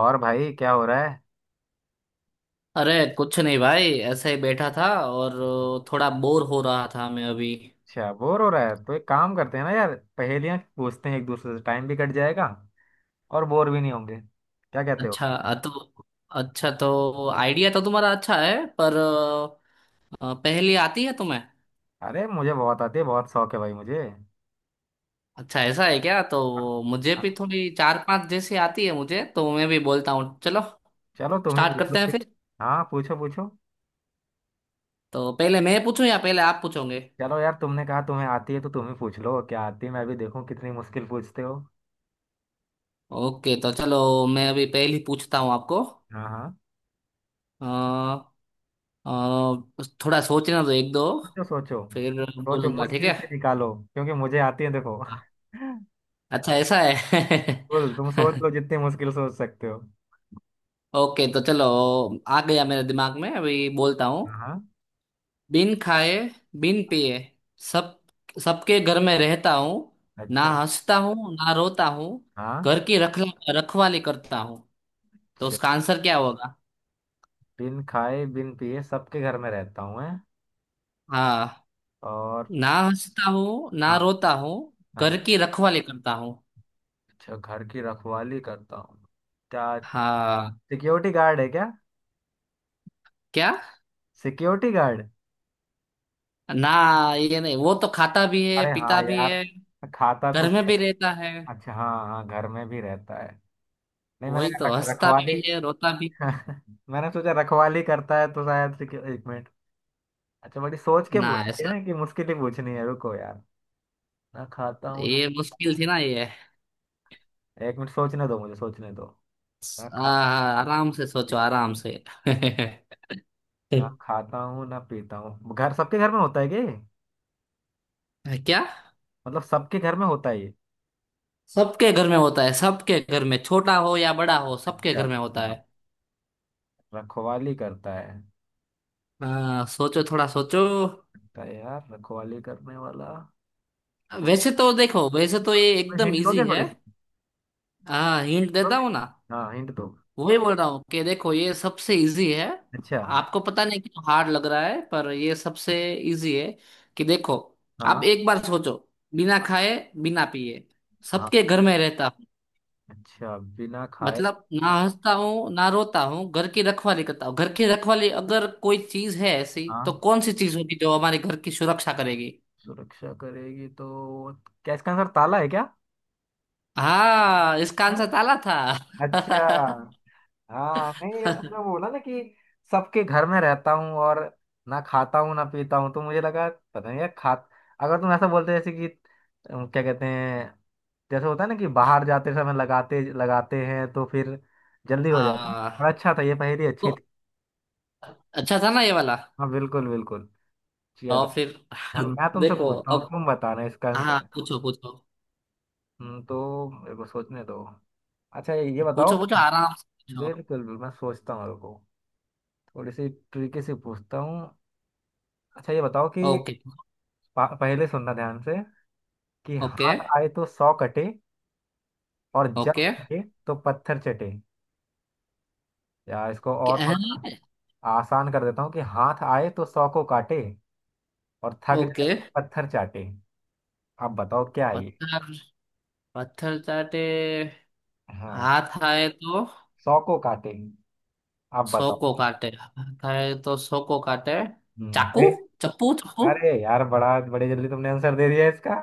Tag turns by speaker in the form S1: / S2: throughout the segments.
S1: और भाई क्या हो रहा है।
S2: अरे। कुछ नहीं भाई, ऐसे ही बैठा था और थोड़ा बोर हो रहा था मैं अभी।
S1: अच्छा बोर हो रहा है तो एक काम करते हैं ना यार, पहेलियां पूछते हैं एक दूसरे से, टाइम भी कट जाएगा और बोर भी नहीं होंगे। क्या कहते हो?
S2: अच्छा तो अच्छा तो आइडिया तो तुम्हारा अच्छा है पर पहेली आती है तुम्हें?
S1: अरे मुझे बहुत आती है, बहुत शौक है भाई मुझे।
S2: अच्छा ऐसा है क्या? तो मुझे
S1: हाँ,
S2: भी थोड़ी चार पांच जैसी आती है मुझे, तो मैं भी बोलता हूँ चलो।
S1: चलो तुम ही
S2: स्टार्ट
S1: पूछ लो
S2: करते हैं
S1: फिर।
S2: फिर।
S1: हाँ, पूछो पूछो।
S2: तो पहले मैं पूछूं या पहले आप पूछोगे?
S1: चलो यार, तुमने कहा तुम्हें आती है तो तुम ही पूछ लो, क्या आती है मैं भी देखूं कितनी मुश्किल पूछते हो।
S2: ओके तो चलो। मैं अभी पहली पूछता हूँ आपको।
S1: हाँ हाँ।
S2: अ, अ, थोड़ा सोचना दो, एक दो
S1: सोचो सोचो।
S2: फिर
S1: सोचो,
S2: बोलूंगा, ठीक
S1: मुश्किल
S2: है।
S1: से निकालो, क्योंकि मुझे आती है देखो।
S2: अच्छा ऐसा है।
S1: बोल, तुम सोच लो जितनी मुश्किल सोच सकते हो।
S2: ओके तो चलो। आ गया मेरे दिमाग में, अभी बोलता हूँ।
S1: हाँ हाँ।
S2: बिन खाए, बिन पिए, सब सबके घर में रहता हूँ। ना
S1: अच्छा।
S2: हंसता हूँ, ना रोता हूँ,
S1: हाँ।
S2: घर की रख रखवाली करता हूँ। तो
S1: अच्छा।
S2: उसका आंसर क्या होगा?
S1: बिन खाए बिन पिए सबके घर में रहता हूँ मैं।
S2: हाँ।
S1: और?
S2: ना हंसता हूँ ना
S1: हाँ।
S2: रोता हूँ, घर
S1: अच्छा।
S2: की रखवाली करता हूँ।
S1: अच्छा, घर की रखवाली करता हूँ? क्या
S2: हाँ।
S1: सिक्योरिटी गार्ड है क्या?
S2: क्या?
S1: Security guard.
S2: ना, ये नहीं, वो तो खाता भी है
S1: अरे हाँ
S2: पीता भी
S1: यार,
S2: है,
S1: खाता तो।
S2: घर में भी रहता है,
S1: अच्छा हाँ हाँ, घर में भी रहता है। नहीं, मैंने
S2: वही
S1: कहा
S2: तो
S1: रख
S2: हंसता
S1: रखवाली
S2: भी है रोता भी।
S1: मैंने सोचा रखवाली करता है तो शायद से एक मिनट। अच्छा, बड़ी सोच के
S2: ना,
S1: पूछी है
S2: ऐसा।
S1: ना कि मुश्किल ही पूछनी है, रुको यार। ना खाता हूँ ना।
S2: ये मुश्किल थी ना ये?
S1: एक मिनट सोचने दो, मुझे सोचने दो। ना
S2: आ,
S1: खा।
S2: आराम से सोचो आराम से।
S1: ना खाता हूँ ना पीता हूँ, घर सबके घर में होता है क्या ये?
S2: क्या?
S1: मतलब सबके घर में होता है ये?
S2: सबके घर में होता है, सबके घर में, छोटा हो या बड़ा हो सबके
S1: अच्छा।
S2: घर में होता
S1: हाँ।
S2: है।
S1: रखवाली करता है।
S2: सोचो, थोड़ा सोचो।
S1: लगता है यार रखवाली करने वाला।
S2: वैसे तो देखो, वैसे तो ये एकदम
S1: हिंट दोगे
S2: इजी
S1: थोड़े
S2: है।
S1: से?
S2: हाँ हिंट देता
S1: दोगे?
S2: हूँ ना।
S1: हाँ हिंट दो।
S2: वही बोल रहा हूँ कि देखो ये सबसे इजी है।
S1: अच्छा।
S2: आपको पता नहीं क्यों हार्ड लग रहा है, पर ये सबसे इजी है, कि देखो
S1: हाँ
S2: आप एक बार सोचो। बिना खाए, बिना पिए,
S1: हाँ।
S2: सबके घर में रहता।
S1: अच्छा, बिना खाए।
S2: मतलब, ना हंसता हूँ ना रोता हूँ, घर की रखवाली करता हूँ। घर की रखवाली अगर कोई चीज है ऐसी, तो
S1: हाँ।
S2: कौन सी चीज होगी जो हमारे घर की सुरक्षा करेगी?
S1: सुरक्षा करेगी तो, क्या इसका आंसर ताला है क्या?
S2: हाँ, इसका
S1: हाँ?
S2: आंसर ताला था।
S1: अच्छा। हाँ नहीं, जब तुमने बोला ना कि सबके घर में रहता हूँ और ना खाता हूँ ना पीता हूँ, तो मुझे लगा पता नहीं यार खा। अगर तुम ऐसा बोलते जैसे कि क्या कहते हैं, जैसे होता है ना कि बाहर जाते समय लगाते लगाते हैं तो फिर जल्दी हो जाता है।
S2: हाँ
S1: और अच्छा था, ये पहेली अच्छी
S2: तो
S1: थी।
S2: अच्छा था ना ये वाला।
S1: हाँ बिल्कुल बिल्कुल। चलो।
S2: और फिर।
S1: अब मैं तुमसे
S2: देखो
S1: पूछता हूँ,
S2: अब।
S1: तुम बताना इसका
S2: हाँ
S1: आंसर।
S2: पूछो पूछो।
S1: तो मेरे को सोचने दो। अच्छा ये बताओ।
S2: पूछो पूछो, आराम से पूछो।
S1: बिल्कुल बिल्कुल, मैं सोचता हूँ, रुको। थोड़ी सी ट्रिकी से पूछता हूँ। अच्छा ये बताओ कि
S2: ओके
S1: पहले सुनना ध्यान से, कि
S2: ओके
S1: हाथ आए तो सौ कटे, और जब
S2: ओके,
S1: कटे तो पत्थर चटे। या इसको और थोड़ा
S2: क्या-
S1: सा आसान कर देता हूँ, कि हाथ आए तो सौ को काटे, और थक जाए
S2: ओके।
S1: तो पत्थर चाटे। आप बताओ क्या है ये।
S2: पत्थर। पत्थर चाटे।
S1: हाँ,
S2: हाथ आए तो
S1: सौ को काटे। आप
S2: सौ
S1: बताओ।
S2: को काटे। खाए तो सौ को काटे।
S1: हम्म,
S2: चाकू।
S1: अरे।
S2: चप्पू चप्पू।
S1: अरे यार, बड़ा बड़े जल्दी तुमने आंसर दे दिया इसका।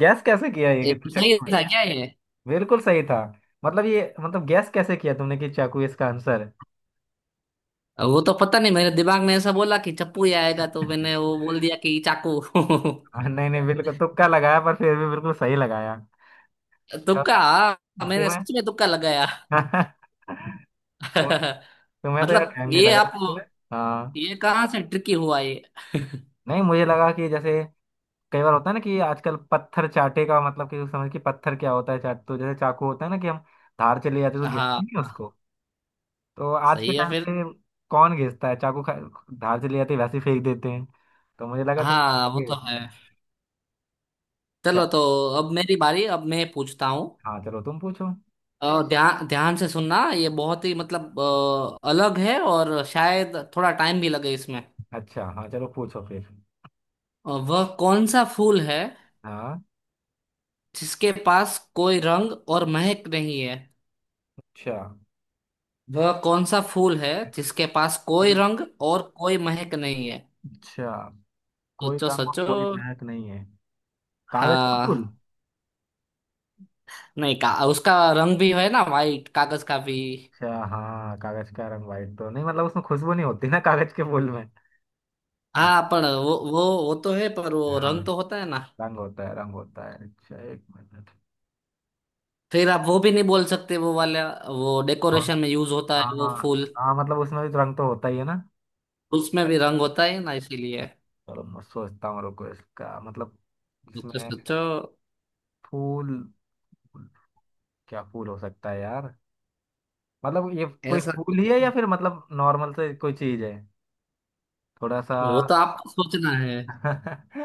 S1: गैस कैसे किया ये कि तू
S2: सही
S1: चक्कू में?
S2: था क्या ये?
S1: बिल्कुल सही था। मतलब ये, मतलब गैस कैसे किया तुमने कि चाकू इसका आंसर?
S2: वो तो पता नहीं, मेरे दिमाग में ऐसा बोला कि चप्पू ही आएगा, तो मैंने वो बोल दिया कि चाकू।
S1: हाँ, नहीं नहीं, बिल्कुल तुक्का लगाया, पर फिर भी बिल्कुल सही लगाया। अब
S2: तुक्का।
S1: यार
S2: हाँ, मैंने
S1: तुम्हें,
S2: सच में तुक्का लगाया।
S1: तुम्हें तो यार
S2: मतलब
S1: टाइम नहीं
S2: ये
S1: लगा
S2: आप,
S1: तुम्हें। हाँ
S2: ये कहाँ से ट्रिकी हुआ ये?
S1: नहीं, मुझे लगा कि जैसे कई बार होता है ना कि आजकल पत्थर चाटे का मतलब कि समझ कि पत्थर क्या होता है, चाट तो जैसे चाकू होता है ना कि हम धार चले जाते हैं तो घिसते
S2: हाँ
S1: नहीं है
S2: हाँ,
S1: उसको। तो आज के
S2: सही है
S1: टाइम
S2: फिर।
S1: पे कौन घिसता है चाकू खा, धार चले जाते हैं, वैसे ही फेंक देते हैं। तो मुझे लगा तुम
S2: हाँ
S1: पत्थर
S2: वो तो है।
S1: घिसोगे। क्या?
S2: चलो तो। अब मेरी बारी, अब मैं पूछता हूँ।
S1: हाँ चलो तुम पूछो।
S2: और ध्यान ध्यान से सुनना, ये बहुत ही, मतलब अलग है और शायद थोड़ा टाइम भी लगे इसमें।
S1: अच्छा हाँ चलो पूछो फिर।
S2: और वह कौन सा फूल है
S1: हाँ।
S2: जिसके पास कोई रंग और महक नहीं है?
S1: अच्छा।
S2: वह कौन सा फूल है जिसके पास कोई
S1: कोई।
S2: रंग और कोई महक नहीं है?
S1: अच्छा, कोई
S2: सोचो
S1: रंग और
S2: सोचो।
S1: कोई महक नहीं है। कागज के फूल।
S2: हाँ नहीं, का उसका रंग भी है ना, वाइट कागज का भी।
S1: अच्छा हाँ, कागज का रंग व्हाइट तो नहीं, मतलब उसमें खुशबू नहीं होती ना कागज के फूल में। अच्छा।
S2: हाँ पर वो तो है, पर वो
S1: हाँ,
S2: रंग तो होता है ना।
S1: रंग होता है रंग होता है। अच्छा एक मिनट।
S2: फिर आप वो भी नहीं बोल सकते वो वाला। वो
S1: कौन?
S2: डेकोरेशन में यूज होता
S1: हाँ।
S2: है वो फूल।
S1: हाँ मतलब उसमें भी तो रंग तो होता ही है ना।
S2: उसमें भी रंग होता है ना, इसीलिए।
S1: चलो मैं सोचता हूँ, रुको इसका मतलब।
S2: सोचो
S1: इसमें
S2: सोचो।
S1: फूल, क्या फूल हो सकता है यार। मतलब ये कोई
S2: ऐसा?
S1: फूल ही है या फिर मतलब नॉर्मल से कोई चीज है? थोड़ा सा।
S2: वो तो आपको सोचना है।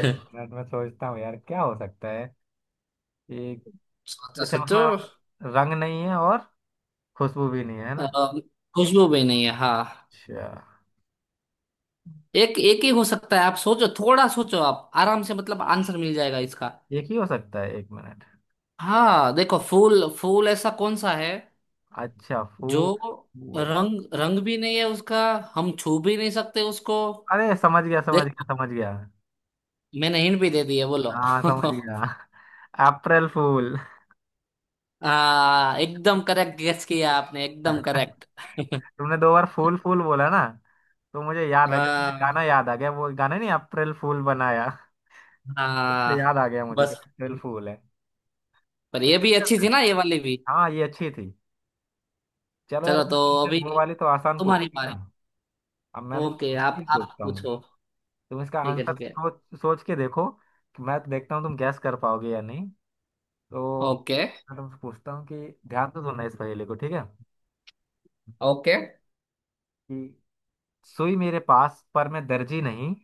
S1: एक मिनट में सोचता हूँ यार क्या हो सकता है। एक।
S2: सोचो
S1: अच्छा,
S2: सोचो।
S1: उसमें रंग नहीं है और खुशबू भी नहीं है, है
S2: अ,
S1: ना?
S2: खुशबू भी नहीं है, हाँ।
S1: अच्छा।
S2: एक एक ही हो सकता है, आप सोचो, थोड़ा सोचो आप आराम से, मतलब आंसर मिल जाएगा इसका।
S1: एक ही हो सकता है, एक मिनट।
S2: हाँ देखो, फूल फूल ऐसा कौन सा है
S1: अच्छा
S2: जो
S1: फूल। फूल।
S2: रंग रंग भी नहीं है उसका, हम छू भी नहीं सकते उसको।
S1: अरे समझ गया समझ गया
S2: देखो
S1: समझ गया।
S2: मैंने हिंट भी दे दी है, बोलो।
S1: हाँ समझ गया। अप्रैल फूल।
S2: एकदम करेक्ट गेस किया आपने, एकदम करेक्ट।
S1: तुमने दो बार फूल फूल बोला ना, तो मुझे याद आ गया, मुझे गाना
S2: हाँ।
S1: याद आ गया, वो गाना नहीं, अप्रैल फूल बनाया। उससे याद
S2: हाँ।
S1: आ गया मुझे कि
S2: बस,
S1: अप्रैल फूल है।
S2: पर
S1: सही
S2: ये भी
S1: है।
S2: अच्छी
S1: क्या?
S2: थी ना ये वाली भी।
S1: हाँ, ये अच्छी थी। चलो यार,
S2: चलो तो
S1: तुमसे
S2: अभी
S1: वो वाली तो आसान पूछी
S2: तुम्हारी
S1: थी ना।
S2: बारी।
S1: अब मैं
S2: ओके,
S1: तुमसे
S2: आप
S1: मुश्किल
S2: आप
S1: पूछता हूँ।
S2: पूछो।
S1: तुम इसका
S2: ठीक है
S1: आंसर
S2: ठीक है।
S1: सोच सोच के देखो, कि मैं तो देखता हूँ तुम गैस कर पाओगे या नहीं। तो
S2: ओके
S1: मैं तुमसे पूछता हूँ कि ध्यान से सुनना इस पहेली को, ठीक है?
S2: ओके
S1: कि सुई मेरे पास पर मैं दर्जी नहीं।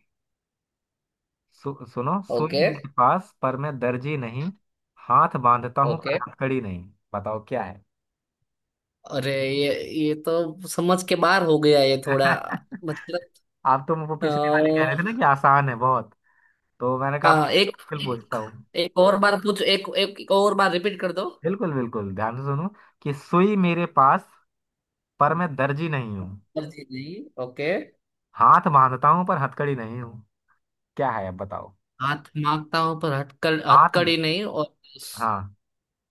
S1: सुनो, सुई
S2: ओके
S1: मेरे पास पर मैं दर्जी नहीं, हाथ बांधता हूँ पर
S2: ओके।
S1: हथकड़ी नहीं। बताओ क्या है।
S2: अरे, ये तो समझ के बाहर हो गया ये थोड़ा। मतलब
S1: आप तो वो पिछले वाले कह
S2: अ,
S1: रहे थे ना कि आसान है बहुत, तो मैंने कहा
S2: एक
S1: मुश्किल पूछता हूँ।
S2: एक और बार पूछ एक एक और बार रिपीट कर दो।
S1: बिल्कुल बिल्कुल, ध्यान से सुनो। कि सुई मेरे पास, पर मैं दर्जी नहीं हूँ,
S2: पर जी नहीं, ओके।
S1: हाथ बांधता हूँ पर हथकड़ी नहीं हूँ। क्या है अब बताओ।
S2: हाथ मांगता हूं पर हथकड़
S1: हाथ।
S2: हथकड़ी नहीं, और।
S1: हाँ।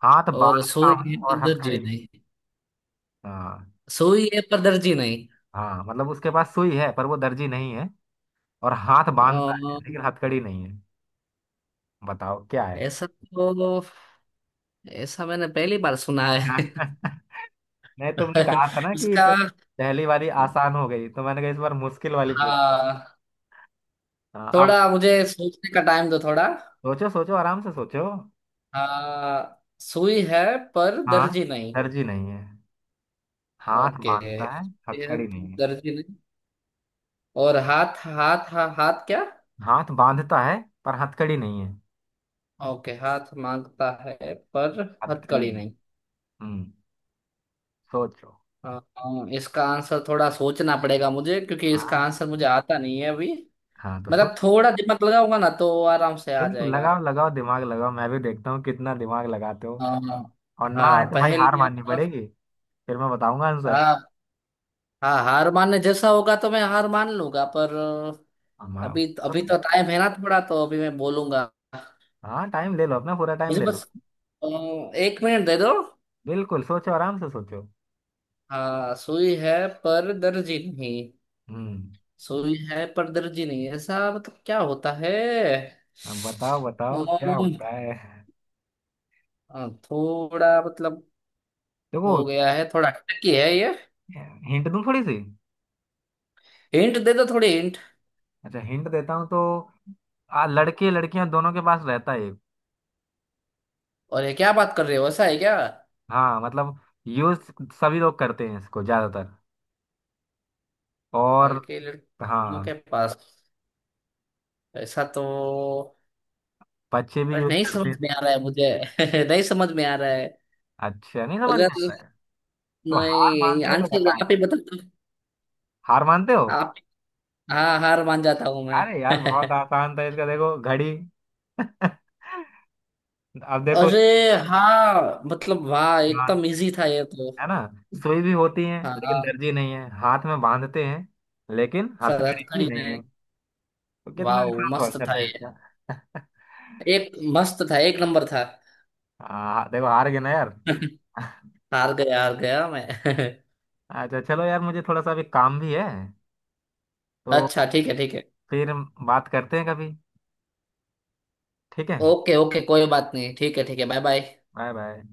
S1: हाथ
S2: और
S1: बांधता
S2: सोई है
S1: हूँ
S2: पर
S1: और
S2: दर्जी
S1: हथकड़ी।
S2: नहीं।
S1: हाँ।
S2: सोई है पर दर्जी नहीं।
S1: हाँ, मतलब उसके पास सुई है पर वो दर्जी नहीं है, और हाथ
S2: अ,
S1: बांधता है लेकिन हथकड़ी नहीं है। बताओ क्या है।
S2: ऐसा तो, ऐसा मैंने पहली बार सुना है।
S1: नहीं, तुमने कहा था ना कि
S2: इसका।
S1: पहली वाली आसान हो गई, तो मैंने कहा इस बार मुश्किल वाली पूछ लो।
S2: हाँ,
S1: हाँ
S2: थोड़ा
S1: अब
S2: मुझे सोचने का टाइम दो, थोड़ा।
S1: सोचो सोचो, आराम से सोचो।
S2: हाँ सुई है पर
S1: हाँ,
S2: दर्जी नहीं।
S1: दर्जी नहीं है, हाथ
S2: ओके है
S1: बांधता है, हथकड़ी
S2: पर
S1: नहीं है।
S2: दर्जी नहीं, और हाथ हाथ हा, हाथ क्या?
S1: हाथ बांधता है पर हथकड़ी नहीं है।
S2: ओके हाथ मांगता है पर
S1: हथकड़ी
S2: हथकड़ी
S1: नहीं।
S2: नहीं।
S1: हम्म। सोचो।
S2: हाँ हाँ, इसका आंसर थोड़ा सोचना पड़ेगा मुझे, क्योंकि इसका
S1: हाँ।
S2: आंसर मुझे आता नहीं है अभी।
S1: हाँ तो सोच।
S2: मतलब थोड़ा दिमाग लगाऊंगा ना, तो आराम से आ
S1: बिल्कुल,
S2: जाएगा।
S1: लगाओ लगाओ दिमाग लगाओ, मैं भी देखता हूँ कितना दिमाग लगाते हो।
S2: हाँ।
S1: और ना
S2: हाँ
S1: आए तो भाई हार
S2: पहेलियाँ
S1: माननी
S2: तो-
S1: पड़ेगी, फिर मैं बताऊंगा आंसर।
S2: हाँ हाँ, हार मानने जैसा होगा तो मैं हार मान लूंगा, पर अभी अभी
S1: हम-।
S2: तो टाइम है ना थोड़ा, तो अभी मैं बोलूंगा।
S1: हाँ, टाइम ले लो, अपना पूरा टाइम
S2: मुझे
S1: ले लो।
S2: बस अ, एक मिनट दे दो।
S1: बिल्कुल सोचो, आराम से सोचो।
S2: हाँ सुई है पर दर्जी नहीं।
S1: हम्म।
S2: सुई है पर दर्जी नहीं, ऐसा मतलब क्या होता है?
S1: अब बताओ बताओ क्या
S2: अम्म,
S1: होता है।
S2: थोड़ा मतलब हो
S1: देखो,
S2: गया है थोड़ा, टकी है ये।
S1: हिंट दूं थोड़ी सी?
S2: हिंट दे दो, थोड़ी हिंट।
S1: अच्छा हिंट देता हूँ तो लड़के लड़कियां दोनों के पास रहता है।
S2: और ये क्या बात कर रहे हो, ऐसा है क्या?
S1: हाँ मतलब यूज सभी लोग करते हैं इसको ज्यादातर, और
S2: लड़के लड़कियों
S1: हाँ
S2: के पास? ऐसा तो।
S1: बच्चे भी
S2: अरे
S1: यूज
S2: नहीं
S1: करते
S2: समझ
S1: हैं।
S2: में आ रहा है मुझे। नहीं समझ में आ रहा है।
S1: अच्छा, नहीं समझ
S2: अगर
S1: में आ रहा है? तो हार
S2: नहीं,
S1: मानते हो तो
S2: आंसर
S1: बताओ,
S2: आप ही बता,
S1: हार मानते हो?
S2: आप। हाँ हार मान जाता हूँ मैं।
S1: अरे यार, बहुत आसान था इसका, देखो, घड़ी। अब देखो।
S2: अरे। हाँ मतलब वाह, एकदम
S1: हाँ,
S2: इजी था ये तो।
S1: है ना? सुई भी होती है लेकिन
S2: हाँ।
S1: दर्जी नहीं है, हाथ में बांधते हैं लेकिन हथकड़ी
S2: फरहत
S1: भी
S2: खड़ी
S1: नहीं
S2: ने।
S1: है। तो कितना
S2: वाह,
S1: आसान तो
S2: मस्त
S1: आंसर
S2: था
S1: था
S2: ये।
S1: इसका।
S2: एक मस्त था, एक नंबर था।
S1: हाँ देखो, हार गए ना यार।
S2: हार गया मैं।
S1: अच्छा चलो यार, मुझे थोड़ा सा अभी काम भी है, तो
S2: अच्छा ठीक है ठीक है।
S1: फिर बात करते हैं कभी, ठीक है?
S2: ओके ओके, कोई बात नहीं, ठीक है ठीक है, बाय बाय।
S1: Bye bye.